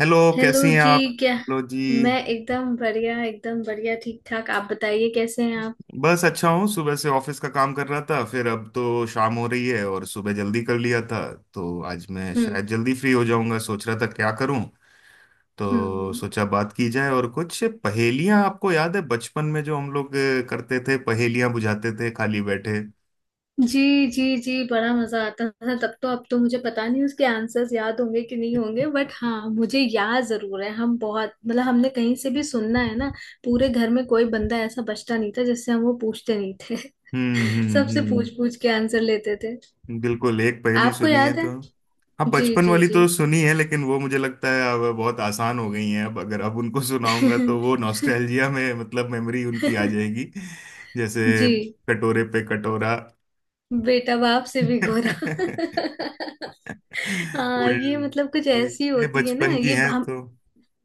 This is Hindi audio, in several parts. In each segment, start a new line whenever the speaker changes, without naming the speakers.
हेलो,
हेलो
कैसी हैं
जी।
आप?
क्या?
हेलो जी।
मैं एकदम बढ़िया, एकदम बढ़िया, ठीक ठाक। आप बताइए, कैसे हैं आप?
बस अच्छा हूँ, सुबह से ऑफिस का काम कर रहा था, फिर अब तो शाम हो रही है और सुबह जल्दी कर लिया था। तो आज मैं
हम्म
शायद जल्दी फ्री हो जाऊंगा, सोच रहा था क्या करूँ।
हम्म
तो
हम्म।
सोचा बात की जाए और कुछ पहेलियां, आपको याद है बचपन में जो हम लोग करते थे, पहेलियां बुझाते थे खाली बैठे।
जी जी जी, बड़ा मजा आता था तब तो। अब तो मुझे पता नहीं उसके आंसर्स याद होंगे कि नहीं होंगे, बट हाँ मुझे याद जरूर है। हम बहुत, मतलब हमने कहीं से भी सुनना है ना, पूरे घर में कोई बंदा ऐसा बचता नहीं था जिससे हम वो पूछते नहीं थे। सबसे पूछ
हम्म।
पूछ के आंसर लेते थे।
बिल्कुल, एक पहेली
आपको
सुनी है
याद है?
तो। हाँ
जी
बचपन
जी
वाली
जी।
तो सुनी है, लेकिन वो मुझे लगता है अब बहुत आसान हो गई हैं। अब अगर अब उनको सुनाऊंगा तो वो नॉस्टैल्जिया में, मतलब मेमोरी उनकी आ जाएगी। जैसे,
जी।
कटोरे पे कटोरा।
बेटा बाप से भी गोरा। हाँ
उल
ये मतलब कुछ
ये
ऐसी
ये
होती है ना
बचपन की
ये
हैं
हम।
तो।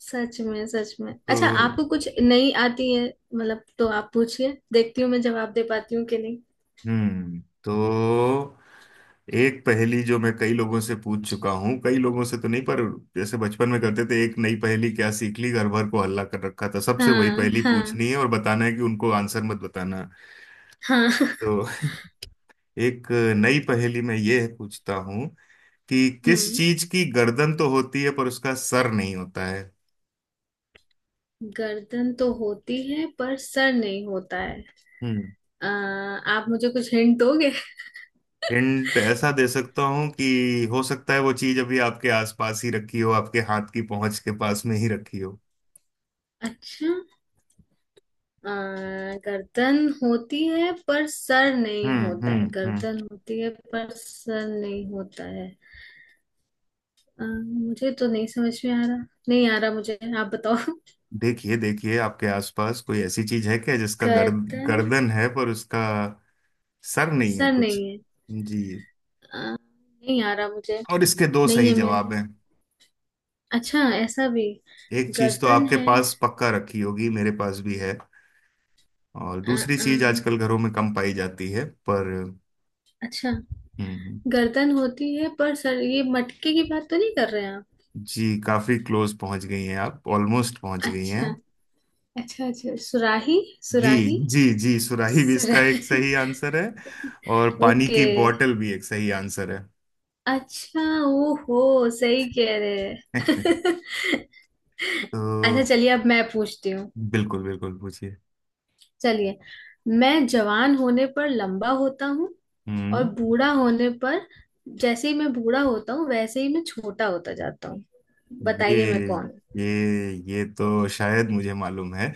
सच में, सच में। अच्छा
तो
आपको कुछ नई आती है? मतलब तो आप पूछिए, देखती हूँ मैं जवाब दे पाती हूँ कि नहीं।
तो एक पहेली जो मैं कई लोगों से पूछ चुका हूँ, कई लोगों से तो नहीं पर जैसे बचपन में करते थे, एक नई पहेली क्या सीख ली, घर भर को हल्ला कर रखा था, सबसे वही
हाँ
पहेली पूछनी
हाँ।
है और बताना है कि उनको आंसर मत बताना।
हाँ।
तो एक नई पहेली में ये पूछता हूँ कि किस
हम्म।
चीज की गर्दन तो होती है पर उसका सर नहीं होता है।
गर्दन तो होती है पर सर नहीं होता है।
हम्म।
आ, आप मुझे कुछ हिंट दोगे?
हिंट ऐसा दे सकता हूँ कि हो सकता है वो चीज अभी आपके आसपास ही रखी हो, आपके हाथ की पहुंच के पास में ही रखी हो।
अच्छा। आ, गर्दन होती है पर सर नहीं होता है,
हम्म।
गर्दन होती है पर सर नहीं होता है। मुझे तो नहीं समझ में आ रहा। नहीं आ रहा मुझे, आप बताओ।
देखिए देखिए, आपके आसपास कोई ऐसी चीज है क्या जिसका
गर्दन।
गर्दन है पर उसका सर नहीं है
सर
कुछ।
नहीं है।
जी,
नहीं आ रहा मुझे।
और इसके दो
नहीं
सही
है मेरे।
जवाब हैं।
अच्छा ऐसा भी!
एक चीज तो
गर्दन
आपके
है।
पास पक्का रखी होगी, मेरे पास भी है, और
अ,
दूसरी
अ,
चीज आजकल घरों में कम पाई जाती है पर।
अच्छा।
हम्म।
गर्दन होती है पर सर, ये मटके की बात तो नहीं कर रहे हैं आप?
जी काफी क्लोज पहुंच गई हैं आप, ऑलमोस्ट पहुंच गई हैं।
अच्छा। अच्छा अच्छा, सुराही।
जी
सुराही।
जी जी, सुराही भी इसका एक
सुराही।
सही आंसर है, और पानी
ओके।
की बॉटल भी एक सही आंसर है।
अच्छा। ओहो, सही कह रहे हैं।
तो
अच्छा चलिए अब मैं पूछती हूँ।
बिल्कुल बिल्कुल पूछिए।
चलिए। मैं जवान होने पर लंबा होता हूँ, और
हम्म,
बूढ़ा होने पर, जैसे ही मैं बूढ़ा होता हूँ वैसे ही मैं छोटा होता जाता हूँ। बताइए मैं
ये
कौन हूँ?
ये ये तो शायद मुझे मालूम है।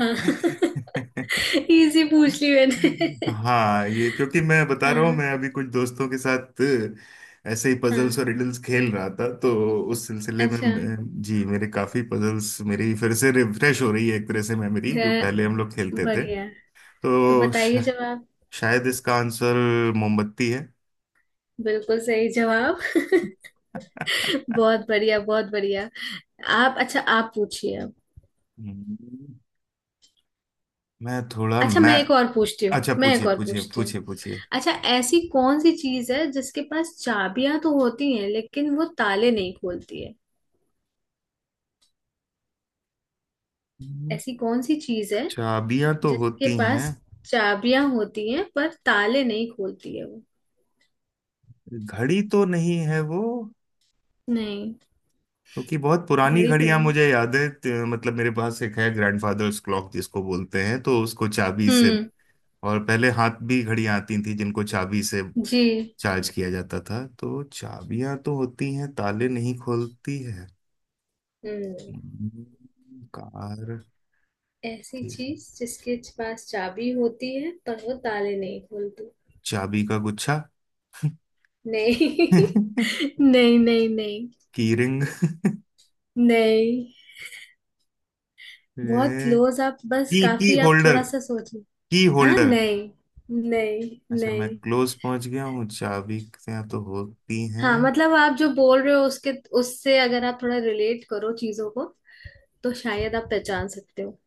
हाँ। इजी पूछ ली मैंने।
हाँ, ये क्योंकि मैं बता रहा हूँ,
हाँ।
मैं अभी कुछ दोस्तों के साथ ऐसे ही पजल्स
हाँ।
और रिडल्स खेल रहा था। तो उस सिलसिले में
अच्छा।
जी, मेरे काफी पजल्स मेरी फिर से रिफ्रेश हो रही है, एक तरह से मेमोरी जो पहले
हाँ,
हम लोग खेलते थे।
बढ़िया। तो
तो
बताइए जवाब।
शायद इसका आंसर मोमबत्ती है।
बिल्कुल सही जवाब। बहुत बढ़िया, बहुत बढ़िया। आप, अच्छा आप पूछिए अब।
हम्म, मैं थोड़ा
अच्छा
मैं
मैं एक और पूछती हूँ,
अच्छा
मैं एक
पूछिए
और
पूछिए
पूछती हूँ।
पूछिए पूछिए।
अच्छा। ऐसी कौन सी चीज है जिसके पास चाबियां तो होती हैं लेकिन वो ताले नहीं खोलती है? ऐसी कौन सी चीज है
चाबियां तो
जिसके
होती हैं,
पास चाबियां होती हैं पर ताले नहीं खोलती है वो?
घड़ी तो नहीं है वो,
नहीं।
क्योंकि बहुत पुरानी
घड़ी तो
घड़ियां
नहीं।
मुझे याद है, मतलब मेरे पास एक है, ग्रैंडफादर्स क्लॉक जिसको बोलते हैं, तो उसको चाबी से।
हम्म।
और पहले हाथ भी घड़ियां आती थी जिनको चाबी से
जी।
चार्ज किया जाता था, तो चाबियां तो होती हैं, ताले नहीं खोलती है।
हम्म।
हम्म, कार
ऐसी
ठीक है।
चीज जिसके पास चाबी होती है पर वो ताले नहीं खोलती।
चाबी का गुच्छा।
नहीं। नहीं नहीं नहीं।
की रिंग।
नहीं। बहुत क्लोज आप, बस
की
काफी, आप
होल्डर,
थोड़ा सा सोच।
की
हाँ
होल्डर।
नहीं। नहीं
अच्छा मैं
नहीं।
क्लोज पहुंच गया हूँ, चाबी से तो होती हैं।
हाँ मतलब आप जो बोल रहे हो उसके, उससे अगर आप थोड़ा रिलेट करो चीजों को तो शायद आप पहचान सकते हो।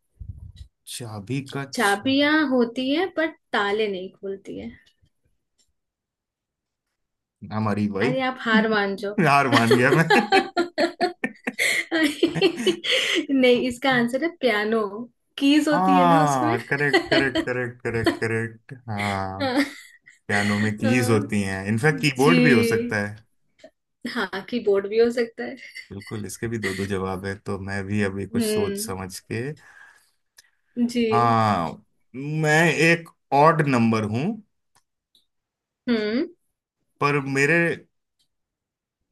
चाबी का
चाबियां होती है बट ताले नहीं खोलती है।
हमारी
अरे
वाइफ।
आप हार मान जाओ।
हार मान गया मैं।
अरे, नहीं इसका आंसर है पियानो। कीज होती है ना उसमें।
हाँ correct correct correct correct correct हाँ।
हाँ।
पियानो में कीज
हाँ,
होती हैं, इनफैक्ट
जी।
कीबोर्ड भी हो सकता है।
हाँ कीबोर्ड भी हो सकता है।
बिल्कुल, इसके भी दो दो जवाब है, तो मैं भी अभी कुछ सोच
हम्म।
समझ के।
जी।
हाँ, मैं एक ऑड नंबर हूं,
हम्म
पर मेरे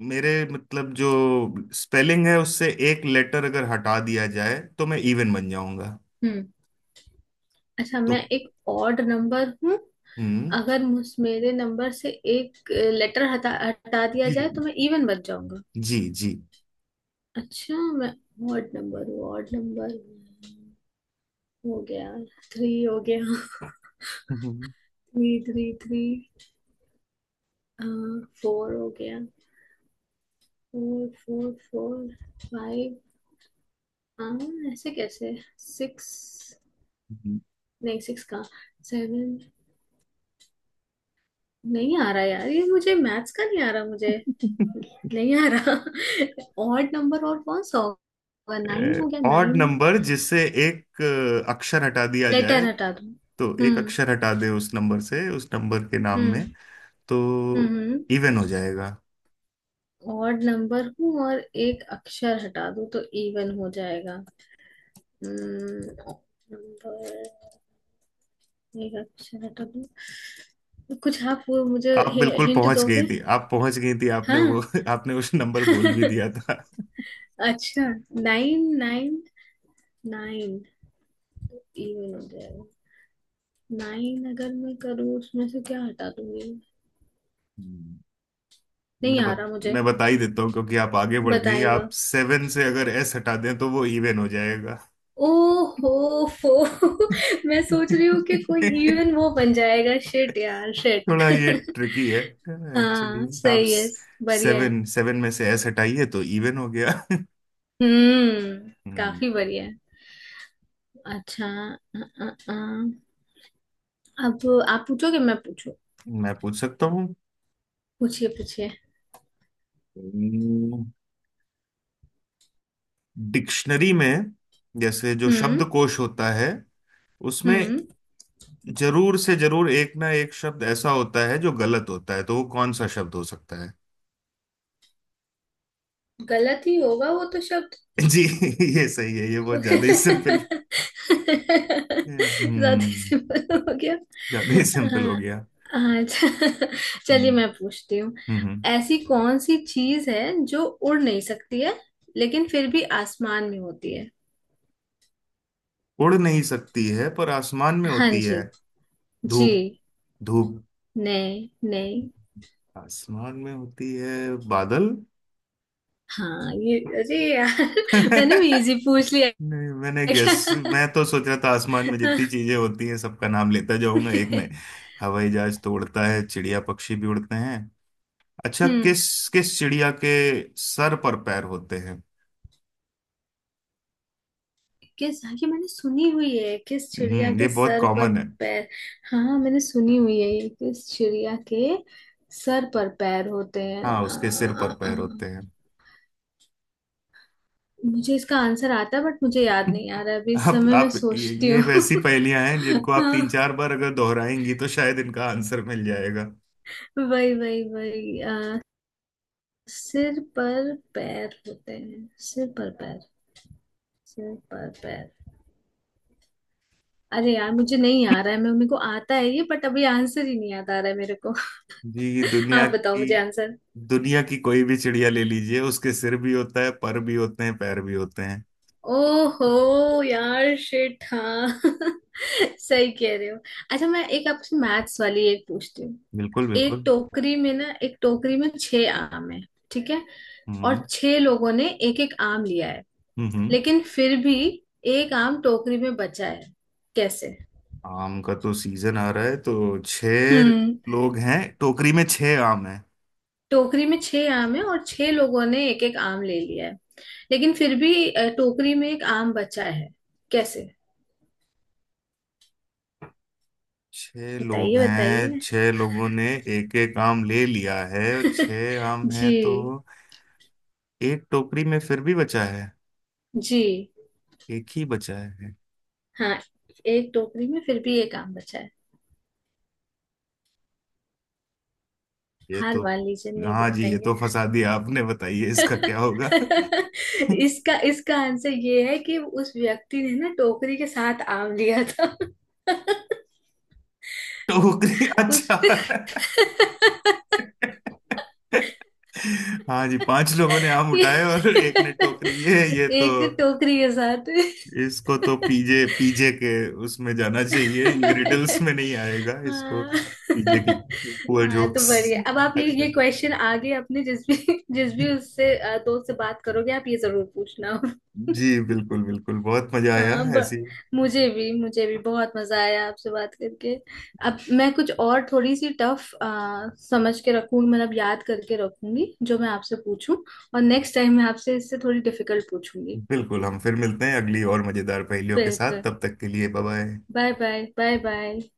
मेरे मतलब जो स्पेलिंग है, उससे एक लेटर अगर हटा दिया जाए तो मैं इवन बन जाऊंगा।
हम्म अच्छा।
तो
मैं एक ऑड नंबर हूँ।
हम्म
अगर मुझ, मेरे नंबर से एक लेटर हटा हटा दिया
जी
जाए तो मैं इवन बच जाऊंगा।
जी जी
अच्छा मैं ऑड नंबर हूँ, ऑड नंबर। हो गया। थ्री हो गया।
हम्म।
Three three three. फोर हो गया। Four four four. फाइव। हाँ। ऐसे कैसे। सिक्स। नहीं सिक्स कहाँ। सेवन। नहीं आ रहा यार ये मुझे, मैथ्स का नहीं आ रहा मुझे। नहीं आ रहा। ऑड नंबर और कौन सा होगा? नाइन हो गया,
ऑड
नाइन।
नंबर, जिससे एक अक्षर हटा दिया
लेटर
जाए,
हटा दो।
तो एक
हम्म
अक्षर हटा दे उस नंबर से, उस नंबर के नाम में,
हम्म
तो
हम्म
इवन हो जाएगा।
ऑड नंबर हूँ और एक अक्षर हटा दो तो इवन हो जाएगा। हम्म। नंबर, एक अक्षर हटा दो। कुछ आप, वो मुझे
आप बिल्कुल
हिंट
पहुंच गई
दोगे?
थी, आप पहुंच गई थी, आपने वो
हाँ।
आपने उस नंबर बोल भी दिया
अच्छा। Nine nine. नाइन इवन हो जाएगा। नाइन अगर मैं करूँ उसमें से क्या हटा दूंगी?
था।
नहीं आ रहा मुझे।
मैं बता ही देता हूँ क्योंकि आप आगे बढ़ गई।
बताएगा।
आप सेवन से अगर एस हटा दें तो वो इवन हो जाएगा।
ओहो फो। मैं सोच रही हूँ कि कोई इवन वो बन जाएगा। शिट यार शिट।
थोड़ा ये ट्रिकी है एक्चुअली।
हाँ
आप
सही है। बढ़िया है।
सेवन सेवन में से एस हटाइए तो इवन हो गया।
हम्म।
हम्म,
काफी बढ़िया है। अच्छा। अ, अ, अ, अब आप पूछोगे मैं पूछू?
मैं पूछ सकता हूँ।
पूछिए पूछिए।
डिक्शनरी में, जैसे जो
हम्म।
शब्दकोश होता है उसमें
हम्म।
जरूर से जरूर एक ना एक शब्द ऐसा होता है जो गलत होता है, तो वो कौन सा शब्द हो सकता है।
गलत ही होगा वो तो शब्द।
जी ये सही है, ये बहुत ज्यादा ही सिंपल।
ज्यादा
ये, हम्म
सिंपल हो गया।
ज्यादा ही सिंपल हो
हाँ।
गया।
हाँ, अच्छा।
हम्म
चलिए मैं पूछती हूँ।
हम्म हम्म।
ऐसी कौन सी चीज है जो उड़ नहीं सकती है लेकिन फिर भी आसमान में होती है?
उड़ नहीं सकती है पर आसमान में
हाँ
होती है।
जी। जी।
धूप, धूप
नहीं नहीं।
आसमान में होती है, बादल।
हाँ ये, अरे यार। मैंने भी इजी पूछ लिया।
नहीं, मैंने
क्या।
गेस, मैं तो सोच रहा था आसमान में जितनी चीजें होती हैं सबका नाम लेता जाऊंगा एक में। हवाई जहाज तो उड़ता है, चिड़िया पक्षी भी उड़ते हैं। अच्छा,
हम्म।
किस किस चिड़िया के सर पर पैर होते हैं।
किस। हाँ, ये मैंने सुनी हुई है, किस चिड़िया
हम्म, ये
के
बहुत
सर पर
कॉमन है।
पैर। हाँ हाँ, मैंने सुनी हुई है ये, किस चिड़िया के सर पर पैर होते
हाँ,
हैं।
उसके सिर पर पैर होते हैं।
मुझे इसका आंसर आता है बट मुझे याद नहीं आ रहा है। अभी इस
आप
समय मैं
आप
सोचती
ये
हूँ।
वैसी पहेलियां हैं जिनको आप
हाँ।
तीन चार बार अगर दोहराएंगी तो शायद इनका आंसर मिल जाएगा।
वही वही वही सिर पर पैर होते हैं, सिर पर पैर, सिर पर पैर। अरे यार मुझे नहीं आ रहा है, मैं मेरे को आता है ये बट अभी आंसर ही नहीं याद आ रहा है मेरे को।
जी, दुनिया
आप बताओ
की
मुझे आंसर।
दुनिया की कोई भी चिड़िया ले लीजिए, उसके सिर भी होता है, पर भी होते हैं, पैर भी होते हैं।
ओहो यार शिट। हाँ। सही कह रहे हो। अच्छा मैं एक आपसे मैथ्स वाली एक पूछती हूँ।
बिल्कुल
एक
बिल्कुल
टोकरी में ना, एक टोकरी में 6 आम है। ठीक है।
हम्म
और छह लोगों ने एक एक आम लिया है।
हम्म हम्म।
लेकिन फिर भी एक आम टोकरी में बचा है। कैसे?
आम का तो सीजन आ रहा है, तो छह
हम्म।
लोग हैं, टोकरी में छह आम हैं।
टोकरी में छह आम है और 6 लोगों ने एक एक आम ले लिया है लेकिन फिर भी टोकरी में एक आम बचा है। कैसे?
छह लोग
बताइए
हैं,
बताइए।
छह लोगों ने एक एक आम ले लिया है और छह आम है,
जी।
तो एक टोकरी में फिर भी बचा है,
जी।
एक ही बचा है।
हाँ। एक टोकरी में फिर भी एक आम बचा है।
ये
हार
तो,
मान लीजिए, नहीं
हाँ जी, ये
बताएंगे।
तो फंसा दिया आपने, बताइए इसका क्या होगा।
इसका, इसका आंसर ये है कि उस व्यक्ति ने ना टोकरी के साथ आम लिया था।
टोकरी,
उस।
अच्छा, हाँ जी, पांच लोगों ने आम उठाए और एक ने टोकरी, ये तो,
एक तो टोकरी के साथ।
इसको तो पीजे पीजे के उसमें जाना चाहिए, ये रिडल्स में नहीं आएगा, इसको
हाँ।
पीजे की पुअर
हाँ, तो
जोक्स।
बढ़िया, अब आप
अच्छा
ये क्वेश्चन आगे अपने जिस भी, जिस भी उससे दोस्त से बात करोगे आप ये जरूर पूछना।
जी, बिल्कुल बिल्कुल बहुत मजा आया
हाँ
ऐसी।
मुझे भी, मुझे भी बहुत मजा आया आपसे बात करके। अब मैं कुछ और थोड़ी सी टफ समझ के रखूंगी, मतलब याद करके रखूंगी जो मैं आपसे पूछूं। और नेक्स्ट टाइम मैं आपसे इससे थोड़ी डिफिकल्ट पूछूंगी।
बिल्कुल, हम फिर मिलते हैं अगली और मजेदार पहेलियों के साथ,
बिल्कुल।
तब तक के लिए bye bye.
Bye bye. Bye bye.